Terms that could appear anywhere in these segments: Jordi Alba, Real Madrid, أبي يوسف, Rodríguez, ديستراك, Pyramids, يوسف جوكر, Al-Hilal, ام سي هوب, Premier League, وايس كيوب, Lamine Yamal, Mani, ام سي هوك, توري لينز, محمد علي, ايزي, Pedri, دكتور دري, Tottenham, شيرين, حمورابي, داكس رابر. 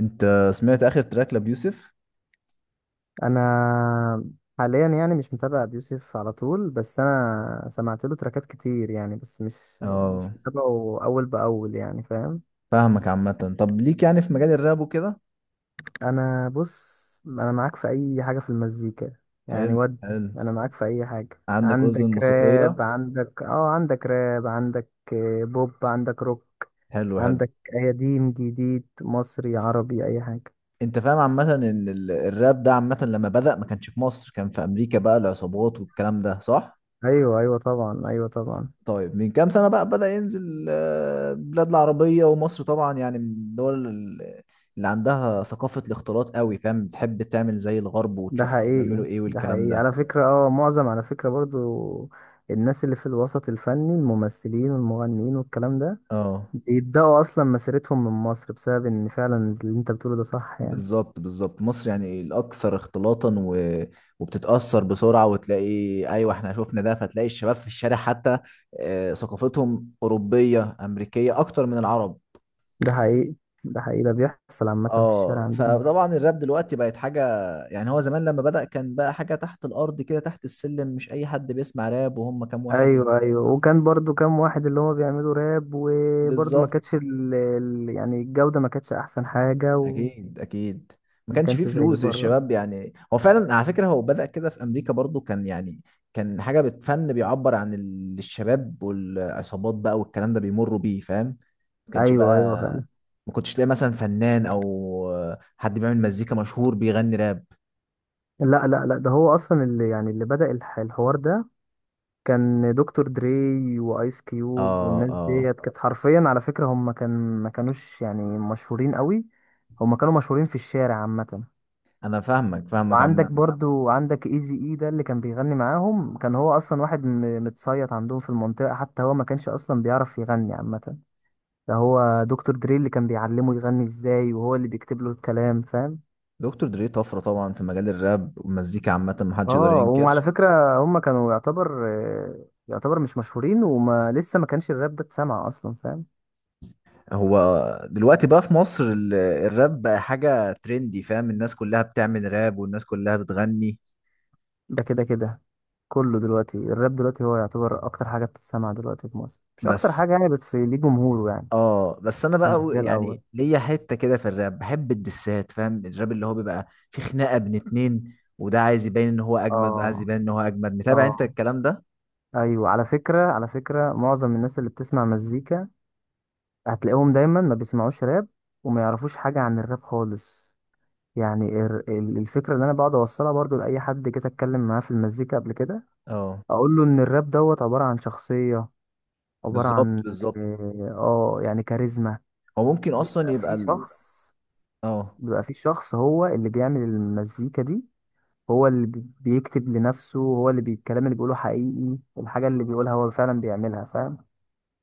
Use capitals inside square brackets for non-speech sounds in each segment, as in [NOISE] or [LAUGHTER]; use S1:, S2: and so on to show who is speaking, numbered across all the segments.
S1: انت سمعت اخر تراك لبيوسف؟
S2: انا حاليا يعني مش متابع ابي يوسف على طول، بس انا سمعت له تراكات كتير يعني. بس مش
S1: اه،
S2: متابعه اول باول، يعني فاهم.
S1: فاهمك عامة. طب ليك يعني في مجال الراب وكده؟
S2: انا بص، انا معاك في اي حاجه في المزيكا يعني.
S1: حلو
S2: ودي
S1: حلو.
S2: انا معاك في اي حاجه.
S1: عندك اذن
S2: عندك راب،
S1: موسيقية.
S2: عندك عندك راب، عندك بوب، عندك روك.
S1: حلو حلو.
S2: عندك قديم جديد مصري عربي اي حاجه.
S1: انت فاهم عامة ان الراب ده عامة لما بدأ ما كانش في مصر، كان في امريكا بقى العصابات والكلام ده، صح؟
S2: ايوه ايوه طبعا، ايوه طبعا.
S1: طيب من كام سنة بقى بدأ ينزل البلاد العربية ومصر طبعا، يعني من الدول اللي عندها ثقافة الاختلاط قوي، فاهم، بتحب تعمل زي الغرب
S2: ده
S1: وتشوف هما بيعملوا
S2: حقيقي
S1: ايه
S2: ده
S1: والكلام
S2: حقيقي
S1: ده.
S2: على فكرة. برضو الناس اللي في الوسط الفني، الممثلين والمغنيين والكلام ده،
S1: اه،
S2: بيبدأوا أصلا مسيرتهم من مصر، بسبب إن فعلا اللي أنت بتقوله ده صح يعني.
S1: بالظبط بالظبط، مصر يعني الاكثر اختلاطا وبتتاثر بسرعه وتلاقي. ايوه، احنا شفنا ده، فتلاقي الشباب في الشارع حتى ثقافتهم اوروبيه امريكيه اكتر من العرب.
S2: ده حقيقي ده حقيقي، ده بيحصل عامة في الشارع
S1: اه،
S2: عندنا.
S1: فطبعا الراب دلوقتي بقت حاجه، يعني هو زمان لما بدأ كان بقى حاجه تحت الارض كده، تحت السلم، مش اي حد بيسمع راب وهم كام واحد.
S2: أيوه أيوه. وكان برضو كام واحد اللي هما بيعملوا راب، وبرضو ما
S1: بالظبط،
S2: كانتش يعني الجودة ما كانتش أحسن حاجة. وما
S1: اكيد اكيد، ما كانش فيه
S2: كانش زي
S1: فلوس
S2: بره.
S1: الشباب، يعني هو فعلا على فكره هو بدأ كده في امريكا برضو، كان يعني كان حاجه بتفن بيعبر عن الشباب والعصابات بقى والكلام ده بيمروا بيه، فاهم. ما كانش
S2: أيوه أيوه فعلا.
S1: بقى، ما كنتش تلاقي مثلا فنان او حد بيعمل مزيكا مشهور بيغني راب.
S2: لا لا لا، ده هو أصلا اللي بدأ الحوار ده، كان دكتور دري وايس كيوب
S1: اه
S2: والناس
S1: اه،
S2: ديت. كانت حرفيا على فكرة، هم كان ما كانوش يعني مشهورين قوي. هم كانوا مشهورين في الشارع عامة.
S1: انا فاهمك فاهمك
S2: وعندك
S1: عامه.
S2: برضو، عندك ايزي اي، ده اللي كان بيغني معاهم. كان هو اصلا واحد متصيط عندهم في المنطقة. حتى هو ما كانش اصلا بيعرف يغني عامة. ده هو دكتور دري اللي كان بيعلمه يغني ازاي، وهو اللي بيكتب له الكلام فاهم.
S1: دكتور دري طفره طبعا في مجال الراب والمزيكا عامه، ما حدش يقدر
S2: اه،
S1: ينكر.
S2: وعلى فكرة هم كانوا يعتبر، يعتبر مش مشهورين، وما لسه ما كانش الراب ده اتسمع اصلا فاهم.
S1: هو دلوقتي بقى في مصر الراب بقى حاجة ترندي، فاهم، الناس كلها بتعمل راب والناس كلها بتغني.
S2: ده كده كده، كله دلوقتي الراب دلوقتي هو يعتبر اكتر حاجه بتتسمع دلوقتي في مصر. مش اكتر
S1: بس
S2: حاجه يعني، بس ليه جمهوره يعني.
S1: اه، بس انا بقى
S2: مش زي
S1: يعني
S2: الاول.
S1: ليا حتة كده في الراب، بحب الدسات، فاهم، الراب اللي هو بيبقى في خناقة بين اتنين، وده عايز يبين ان هو اجمد وده عايز
S2: اه
S1: يبين ان هو اجمد، متابع انت
S2: اه.
S1: الكلام ده؟
S2: ايوه، على فكره على فكره، معظم الناس اللي بتسمع مزيكا هتلاقيهم دايما ما بيسمعوش راب، وما يعرفوش حاجه عن الراب خالص. يعني الفكره اللي انا بقعد اوصلها برضو لاي حد جيت اتكلم معاه في المزيكا قبل كده،
S1: اه،
S2: اقول له ان الراب دوت عباره عن شخصيه، عباره
S1: بالظبط
S2: عن
S1: بالظبط.
S2: اه، يعني كاريزما.
S1: هو ممكن اصلا
S2: بيبقى
S1: يبقى
S2: في شخص،
S1: اه،
S2: بيبقى في شخص هو اللي بيعمل المزيكا دي، هو اللي بيكتب لنفسه، هو اللي الكلام اللي بيقوله حقيقي، الحاجة اللي بيقولها هو فعلا بيعملها فاهم.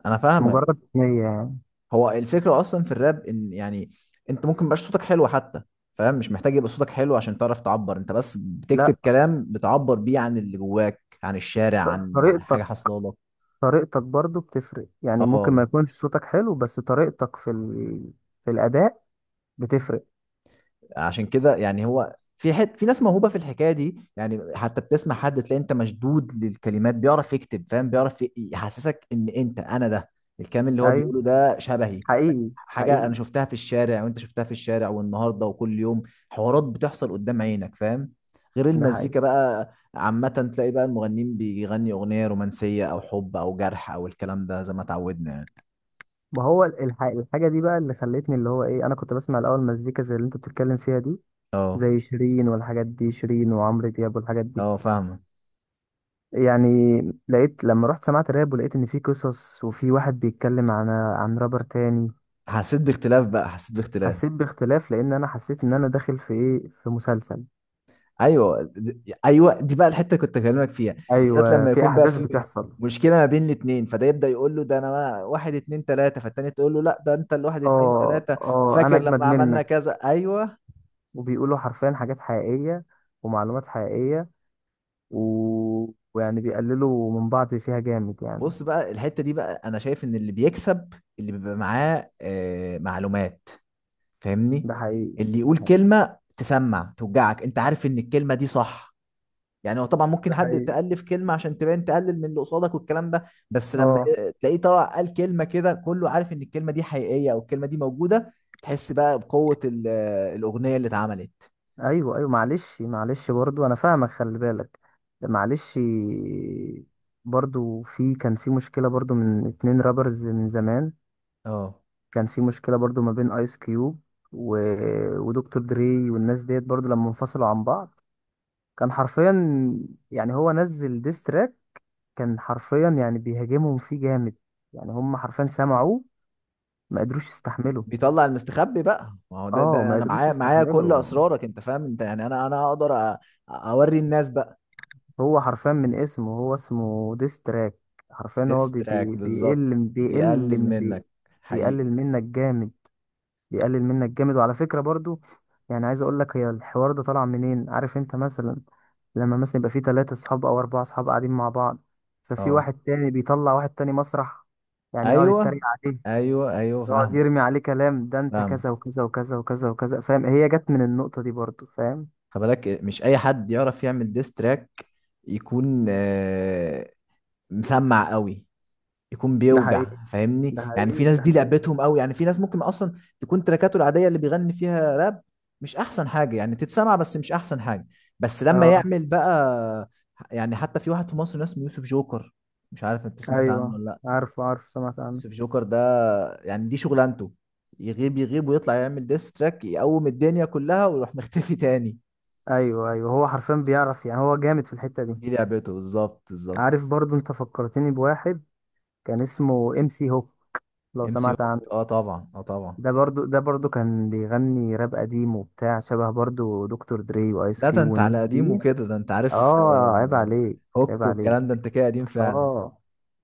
S1: انا
S2: مش
S1: فاهمك.
S2: مجرد هي يعني.
S1: هو الفكرة أصلا في الراب إن يعني، أنت ممكن ميبقاش صوتك حلو حتى، فاهم، مش محتاج يبقى صوتك حلو عشان تعرف تعبر، أنت بس بتكتب
S2: لا،
S1: كلام بتعبر بيه عن اللي جواك، عن الشارع، عن حاجة
S2: طريقتك،
S1: حصلالك.
S2: طريقتك برضو بتفرق يعني. ممكن
S1: اه،
S2: ما يكونش صوتك حلو، بس طريقتك في الأداء بتفرق.
S1: عشان كده يعني هو في حت في ناس موهوبه في الحكايه دي، يعني حتى بتسمع حد تلاقي انت مشدود للكلمات، بيعرف يكتب، فاهم، بيعرف يحسسك ان انت انا ده، الكلام اللي هو
S2: أيوه
S1: بيقوله ده شبهي،
S2: حقيقي
S1: حاجه
S2: حقيقي.
S1: انا شفتها في الشارع وانت شفتها في الشارع والنهارده وكل يوم، حوارات بتحصل قدام عينك، فاهم، غير
S2: ده حقيقي.
S1: المزيكا بقى عامة. تلاقي بقى المغنيين بيغني أغنية رومانسية أو حب أو جرح أو الكلام ده زي ما اتعودنا يعني.
S2: ما هو الحاجة دي بقى اللي خلتني اللي هو إيه، أنا كنت بسمع الأول مزيكا زي اللي أنت بتتكلم فيها دي،
S1: اه
S2: زي شيرين والحاجات دي، شيرين وعمرو دياب والحاجات دي
S1: اه، فاهمة.
S2: يعني. لقيت لما رحت سمعت راب، ولقيت ان في قصص وفي واحد بيتكلم عن رابر تاني.
S1: حسيت باختلاف بقى، حسيت باختلاف.
S2: حسيت باختلاف لان انا حسيت ان انا داخل في ايه، في مسلسل.
S1: ايوه، ايوه دي بقى الحته اللي كنت اكلمك فيها، بالذات
S2: ايوه،
S1: لما
S2: في
S1: يكون بقى
S2: احداث
S1: في
S2: بتحصل.
S1: مشكله ما بين الاثنين، فده يبدا يقول له: ده انا واحد اتنين تلاته، فالتاني تقول له: لا، ده انت الواحد اتنين
S2: اه
S1: تلاته،
S2: اه، انا
S1: وفاكر
S2: اجمد
S1: لما عملنا
S2: منك.
S1: كذا، ايوه.
S2: وبيقولوا حرفيا حاجات حقيقية ومعلومات حقيقية. و... ويعني بيقللوا من بعض فيها جامد يعني.
S1: بص بقى الحته دي بقى، انا شايف ان اللي بيكسب اللي بيبقى معاه معلومات، فاهمني،
S2: ده حقيقي
S1: اللي
S2: ده
S1: يقول
S2: حقيقي
S1: كلمه تسمع توجعك، انت عارف ان الكلمه دي صح. يعني هو طبعا ممكن
S2: ده
S1: حد
S2: حقيقي.
S1: تألف كلمة عشان تبان تقلل من اللي قصادك والكلام ده، بس لما
S2: اه
S1: تلاقيه طلع قال كلمة كده كله عارف ان الكلمة دي حقيقية او الكلمة دي موجودة، تحس بقى بقوة الأغنية اللي اتعملت.
S2: ايوه ايوه، معلش معلش، برضو انا فاهمك، خلي بالك. معلش. برضو كان في مشكله برضو من اتنين رابرز من زمان.
S1: اه،
S2: كان في مشكله برضو ما بين ايس كيوب و... ودكتور دري والناس ديت، برضو لما انفصلوا عن بعض. كان حرفيا، يعني هو نزل ديستراك، كان حرفيا يعني بيهاجمهم فيه جامد يعني. هم حرفيا سمعوه ما قدروش يستحملوا.
S1: بيطلع المستخبي بقى، ما هو ده
S2: اه،
S1: ده
S2: ما
S1: انا
S2: قدروش
S1: معايا معايا كل
S2: يستحملوا.
S1: اسرارك، انت فاهم، انت يعني انا اقدر اوري الناس بقى.
S2: هو حرفيا من اسمه، هو اسمه ديستراك. حرفيا هو بي
S1: ديستراك
S2: بي
S1: بالظبط،
S2: بيقل بيقل
S1: بيقلل منك،
S2: بي
S1: حقيقي.
S2: بيقلل منك جامد، بيقلل منك جامد. وعلى فكرة برضو، يعني عايز اقول لك هي الحوار ده طالع منين. عارف انت مثلا لما مثلا يبقى في ثلاثة اصحاب او اربعة اصحاب قاعدين مع بعض، ففي
S1: اه،
S2: واحد تاني بيطلع واحد تاني مسرح يعني، يقعد يتريق
S1: ايوه
S2: عليه،
S1: ايوه ايوه،
S2: يقعد
S1: فاهم
S2: يرمي عليه كلام، ده انت
S1: فاهم،
S2: كذا وكذا وكذا وكذا وكذا فاهم. هي جت من النقطة دي برضو فاهم.
S1: خلي بالك مش اي حد يعرف يعمل ديستراك، يكون مسمع قوي، يكون
S2: ده حقيقي
S1: بيوجع، فاهمني،
S2: ده
S1: يعني
S2: حقيقي
S1: في ناس
S2: ده
S1: دي
S2: حقيقي.
S1: لعبتهم قوي، يعني في ناس ممكن اصلا تكون تراكاته العاديه اللي بيغني فيها راب مش احسن حاجه يعني تتسمع، بس مش احسن حاجه، بس لما
S2: اه
S1: يعمل بقى، يعني حتى في واحد في مصر اسمه يوسف جوكر، مش عارف انت سمعت عنه
S2: ايوه،
S1: ولا لا.
S2: عارف عارف، سمعت عنه.
S1: يوسف جوكر ده، يعني دي شغلانته، يغيب يغيب ويطلع يعمل ديستراك يقوم الدنيا كلها ويروح مختفي تاني،
S2: ايوه ايوه، هو حرفيا بيعرف يعني، هو جامد في الحتة دي.
S1: دي لعبته، بالظبط بالظبط.
S2: عارف، برضو انت فكرتني بواحد كان اسمه ام سي هوب، لو
S1: ام سي
S2: سمعت
S1: هوك،
S2: عنه.
S1: اه طبعا اه طبعا.
S2: ده برضو ده برضو كان بيغني راب قديم وبتاع، شبه برضو دكتور دري وايس
S1: لا، ده
S2: كيوب
S1: انت على
S2: والناس
S1: قديم
S2: دي.
S1: وكده، ده انت عارف
S2: اه عيب عليك، عيب
S1: هوك
S2: عليك.
S1: والكلام ده، انت كده قديم فعلا.
S2: اه،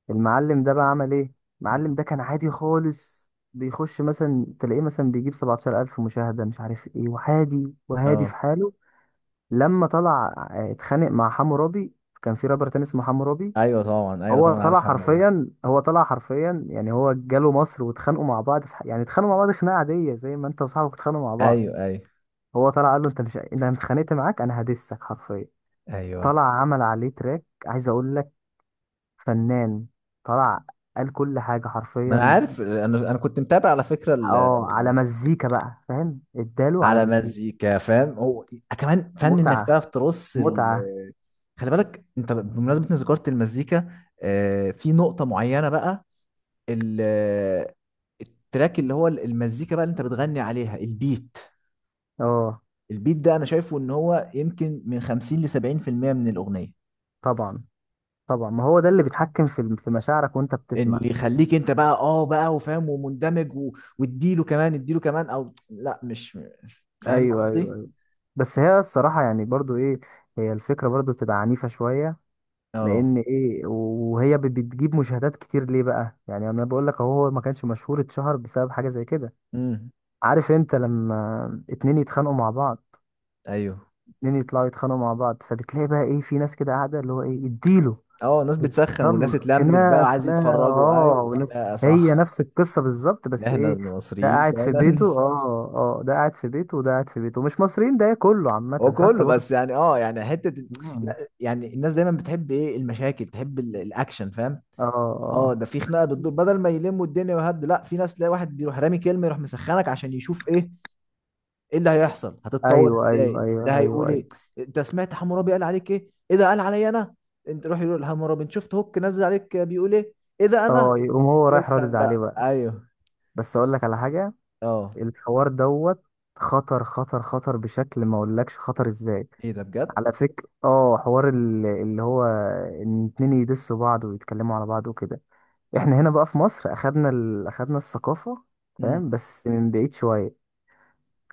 S2: المعلم ده بقى عمل ايه؟
S1: مم.
S2: المعلم ده كان عادي خالص، بيخش مثلا، تلاقيه مثلا بيجيب 17,000 مشاهدة، مش عارف ايه، وعادي وهادي
S1: اه،
S2: في حاله. لما طلع اتخانق مع حمورابي، كان في رابر تاني اسمه حمورابي.
S1: ايوه طبعا، ايوه
S2: هو
S1: طبعا، عارف
S2: طلع
S1: محمد علي.
S2: حرفيا، هو طلع حرفيا يعني هو جاله مصر واتخانقوا مع بعض يعني اتخانقوا مع بعض خناقه عاديه، زي ما انت وصاحبك اتخانقوا مع بعض.
S1: ايوه ايوه
S2: هو طلع قال له انت مش انت، انا اتخانقت معاك انا هدسك حرفيا.
S1: ايوه،
S2: طلع عمل عليه تراك، عايز اقول لك، فنان. طلع قال كل حاجه
S1: ما انا
S2: حرفيا.
S1: عارف، انا انا كنت متابع على فكره
S2: اه، على مزيكا بقى فاهم، اداله على
S1: على
S2: مزيكا.
S1: مزيكا، فاهم، هو كمان فن انك
S2: متعه،
S1: تعرف ترص
S2: متعه.
S1: خلي بالك انت بمناسبه ان ذكرت المزيكا في نقطه معينه بقى، ال- التراك اللي هو المزيكا بقى اللي انت بتغني عليها، البيت،
S2: اه
S1: البيت ده انا شايفه ان هو يمكن من 50 ل 70% من الاغنيه،
S2: طبعا طبعا، ما هو ده اللي بيتحكم في مشاعرك وانت
S1: اللي
S2: بتسمع.
S1: يخليك انت بقى اه بقى وفاهم ومندمج واديله كمان اديله كمان او لا، مش فاهم
S2: ايوه
S1: قصدي.
S2: ايوه. بس هي الصراحه يعني برضو ايه، هي الفكره برضو بتبقى عنيفه شويه.
S1: اه،
S2: لان ايه، وهي بتجيب مشاهدات كتير ليه بقى يعني. انا بقول لك اهو، هو ما كانش مشهور، اتشهر بسبب حاجه زي كده.
S1: امم
S2: عارف انت لما اتنين يتخانقوا مع بعض،
S1: ايوه،
S2: اتنين يطلعوا يتخانقوا مع بعض، فبتلاقي بقى ايه، في ناس كده قاعده اللي هو ايه اديله.
S1: اه، ناس بتسخن وناس
S2: يلا
S1: اتلمت
S2: خناقة
S1: بقى عايز
S2: خناقة
S1: يتفرجوا،
S2: اه،
S1: ايوه
S2: وناس.
S1: خناقه، صح.
S2: هي نفس القصة بالظبط بس
S1: احنا
S2: ايه، ده
S1: المصريين
S2: قاعد في بيته
S1: فعلا
S2: اه اه، ده قاعد في بيته وده قاعد في بيته. مش مصريين، ده كله
S1: [LAUGHS] هو
S2: عامة حتى
S1: كله
S2: برضه.
S1: بس يعني، اه يعني حته.
S2: مم.
S1: لا، يعني الناس دايما بتحب ايه المشاكل، تحب الاكشن، فاهم.
S2: اه
S1: اه،
S2: اه
S1: ده في خناقه بتدور بدل ما يلموا الدنيا ويهد، لا، في ناس تلاقي واحد بيروح رامي كلمه يروح مسخنك عشان يشوف ايه، ايه اللي هيحصل، هتتطور
S2: ايوه ايوه
S1: ازاي، ده
S2: ايوه
S1: هيقول
S2: ايوه ايوه.
S1: ايه، انت سمعت حمورابي قال عليك ايه، ايه ده قال عليا انا، انت روح يقول حمورابي: انت شفت هوك نزل عليك بيقول ايه، ايه ده انا،
S2: اه، يقوم هو رايح رادد
S1: وتسخن
S2: عليه
S1: بقى،
S2: بقى.
S1: ايوه.
S2: بس اقول لك على حاجة،
S1: اه،
S2: الحوار دوت خطر خطر خطر بشكل ما اقولكش خطر ازاي.
S1: ايه ده بجد؟
S2: على فكرة اه حوار اللي هو ان اتنين يدسوا بعض ويتكلموا على بعض وكده. احنا هنا بقى في مصر اخدنا اخدنا الثقافة
S1: امم
S2: فاهم، بس من بعيد شوية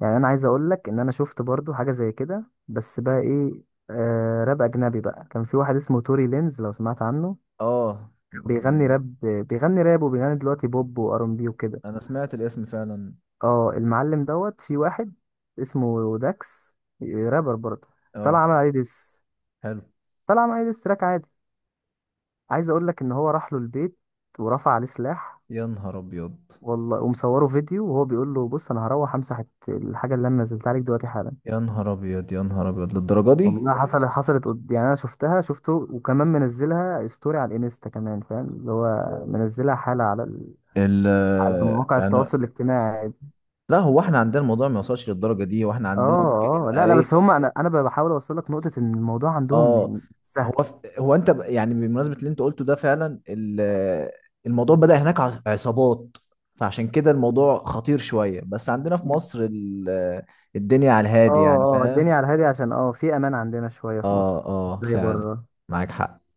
S2: يعني. انا عايز اقول لك ان انا شفت برضو حاجة زي كده، بس بقى ايه، آه راب اجنبي بقى. كان في واحد اسمه توري لينز، لو سمعت عنه.
S1: اه،
S2: بيغني
S1: يعني
S2: راب، بيغني راب وبيغني دلوقتي بوب وار ام بي وكده.
S1: انا سمعت الاسم فعلا.
S2: اه، المعلم دوت في واحد اسمه داكس، رابر برضه. طلع
S1: اه،
S2: عمل عليه ديس.
S1: حلو.
S2: طلع عمل عليه ديس تراك عادي. عايز اقول لك ان هو راح له البيت ورفع عليه سلاح،
S1: يا نهار ابيض،
S2: والله، ومصوره فيديو وهو بيقول له بص، انا هروح امسح الحاجه اللي انا نزلتها عليك دلوقتي حالا.
S1: يا نهار ابيض، يا نهار ابيض للدرجه دي؟
S2: والله حصلت، حصلت يعني انا شفتها شفته وكمان منزلها ستوري على الانستا كمان فاهم، اللي هو منزلها حاله
S1: ال
S2: على مواقع
S1: يعني
S2: التواصل الاجتماعي.
S1: لا، هو احنا عندنا الموضوع ما يوصلش للدرجه دي، هو احنا
S2: اه
S1: عندنا ممكن
S2: اه
S1: يبقى
S2: لا لا،
S1: ايه.
S2: بس هم، انا انا بحاول اوصل لك نقطه ان الموضوع
S1: اه،
S2: عندهم سهل.
S1: هو هو انت يعني بمناسبه اللي انت قلته ده فعلا الموضوع بدأ هناك عصابات، فعشان كده الموضوع خطير شويه، بس عندنا في مصر الدنيا على
S2: اه
S1: الهادي يعني،
S2: اه،
S1: فاهم.
S2: الدنيا على الهادي عشان اه في امان عندنا شويه في مصر.
S1: اه
S2: مش
S1: اه
S2: زي
S1: فعلا.
S2: بره.
S1: معاك حق.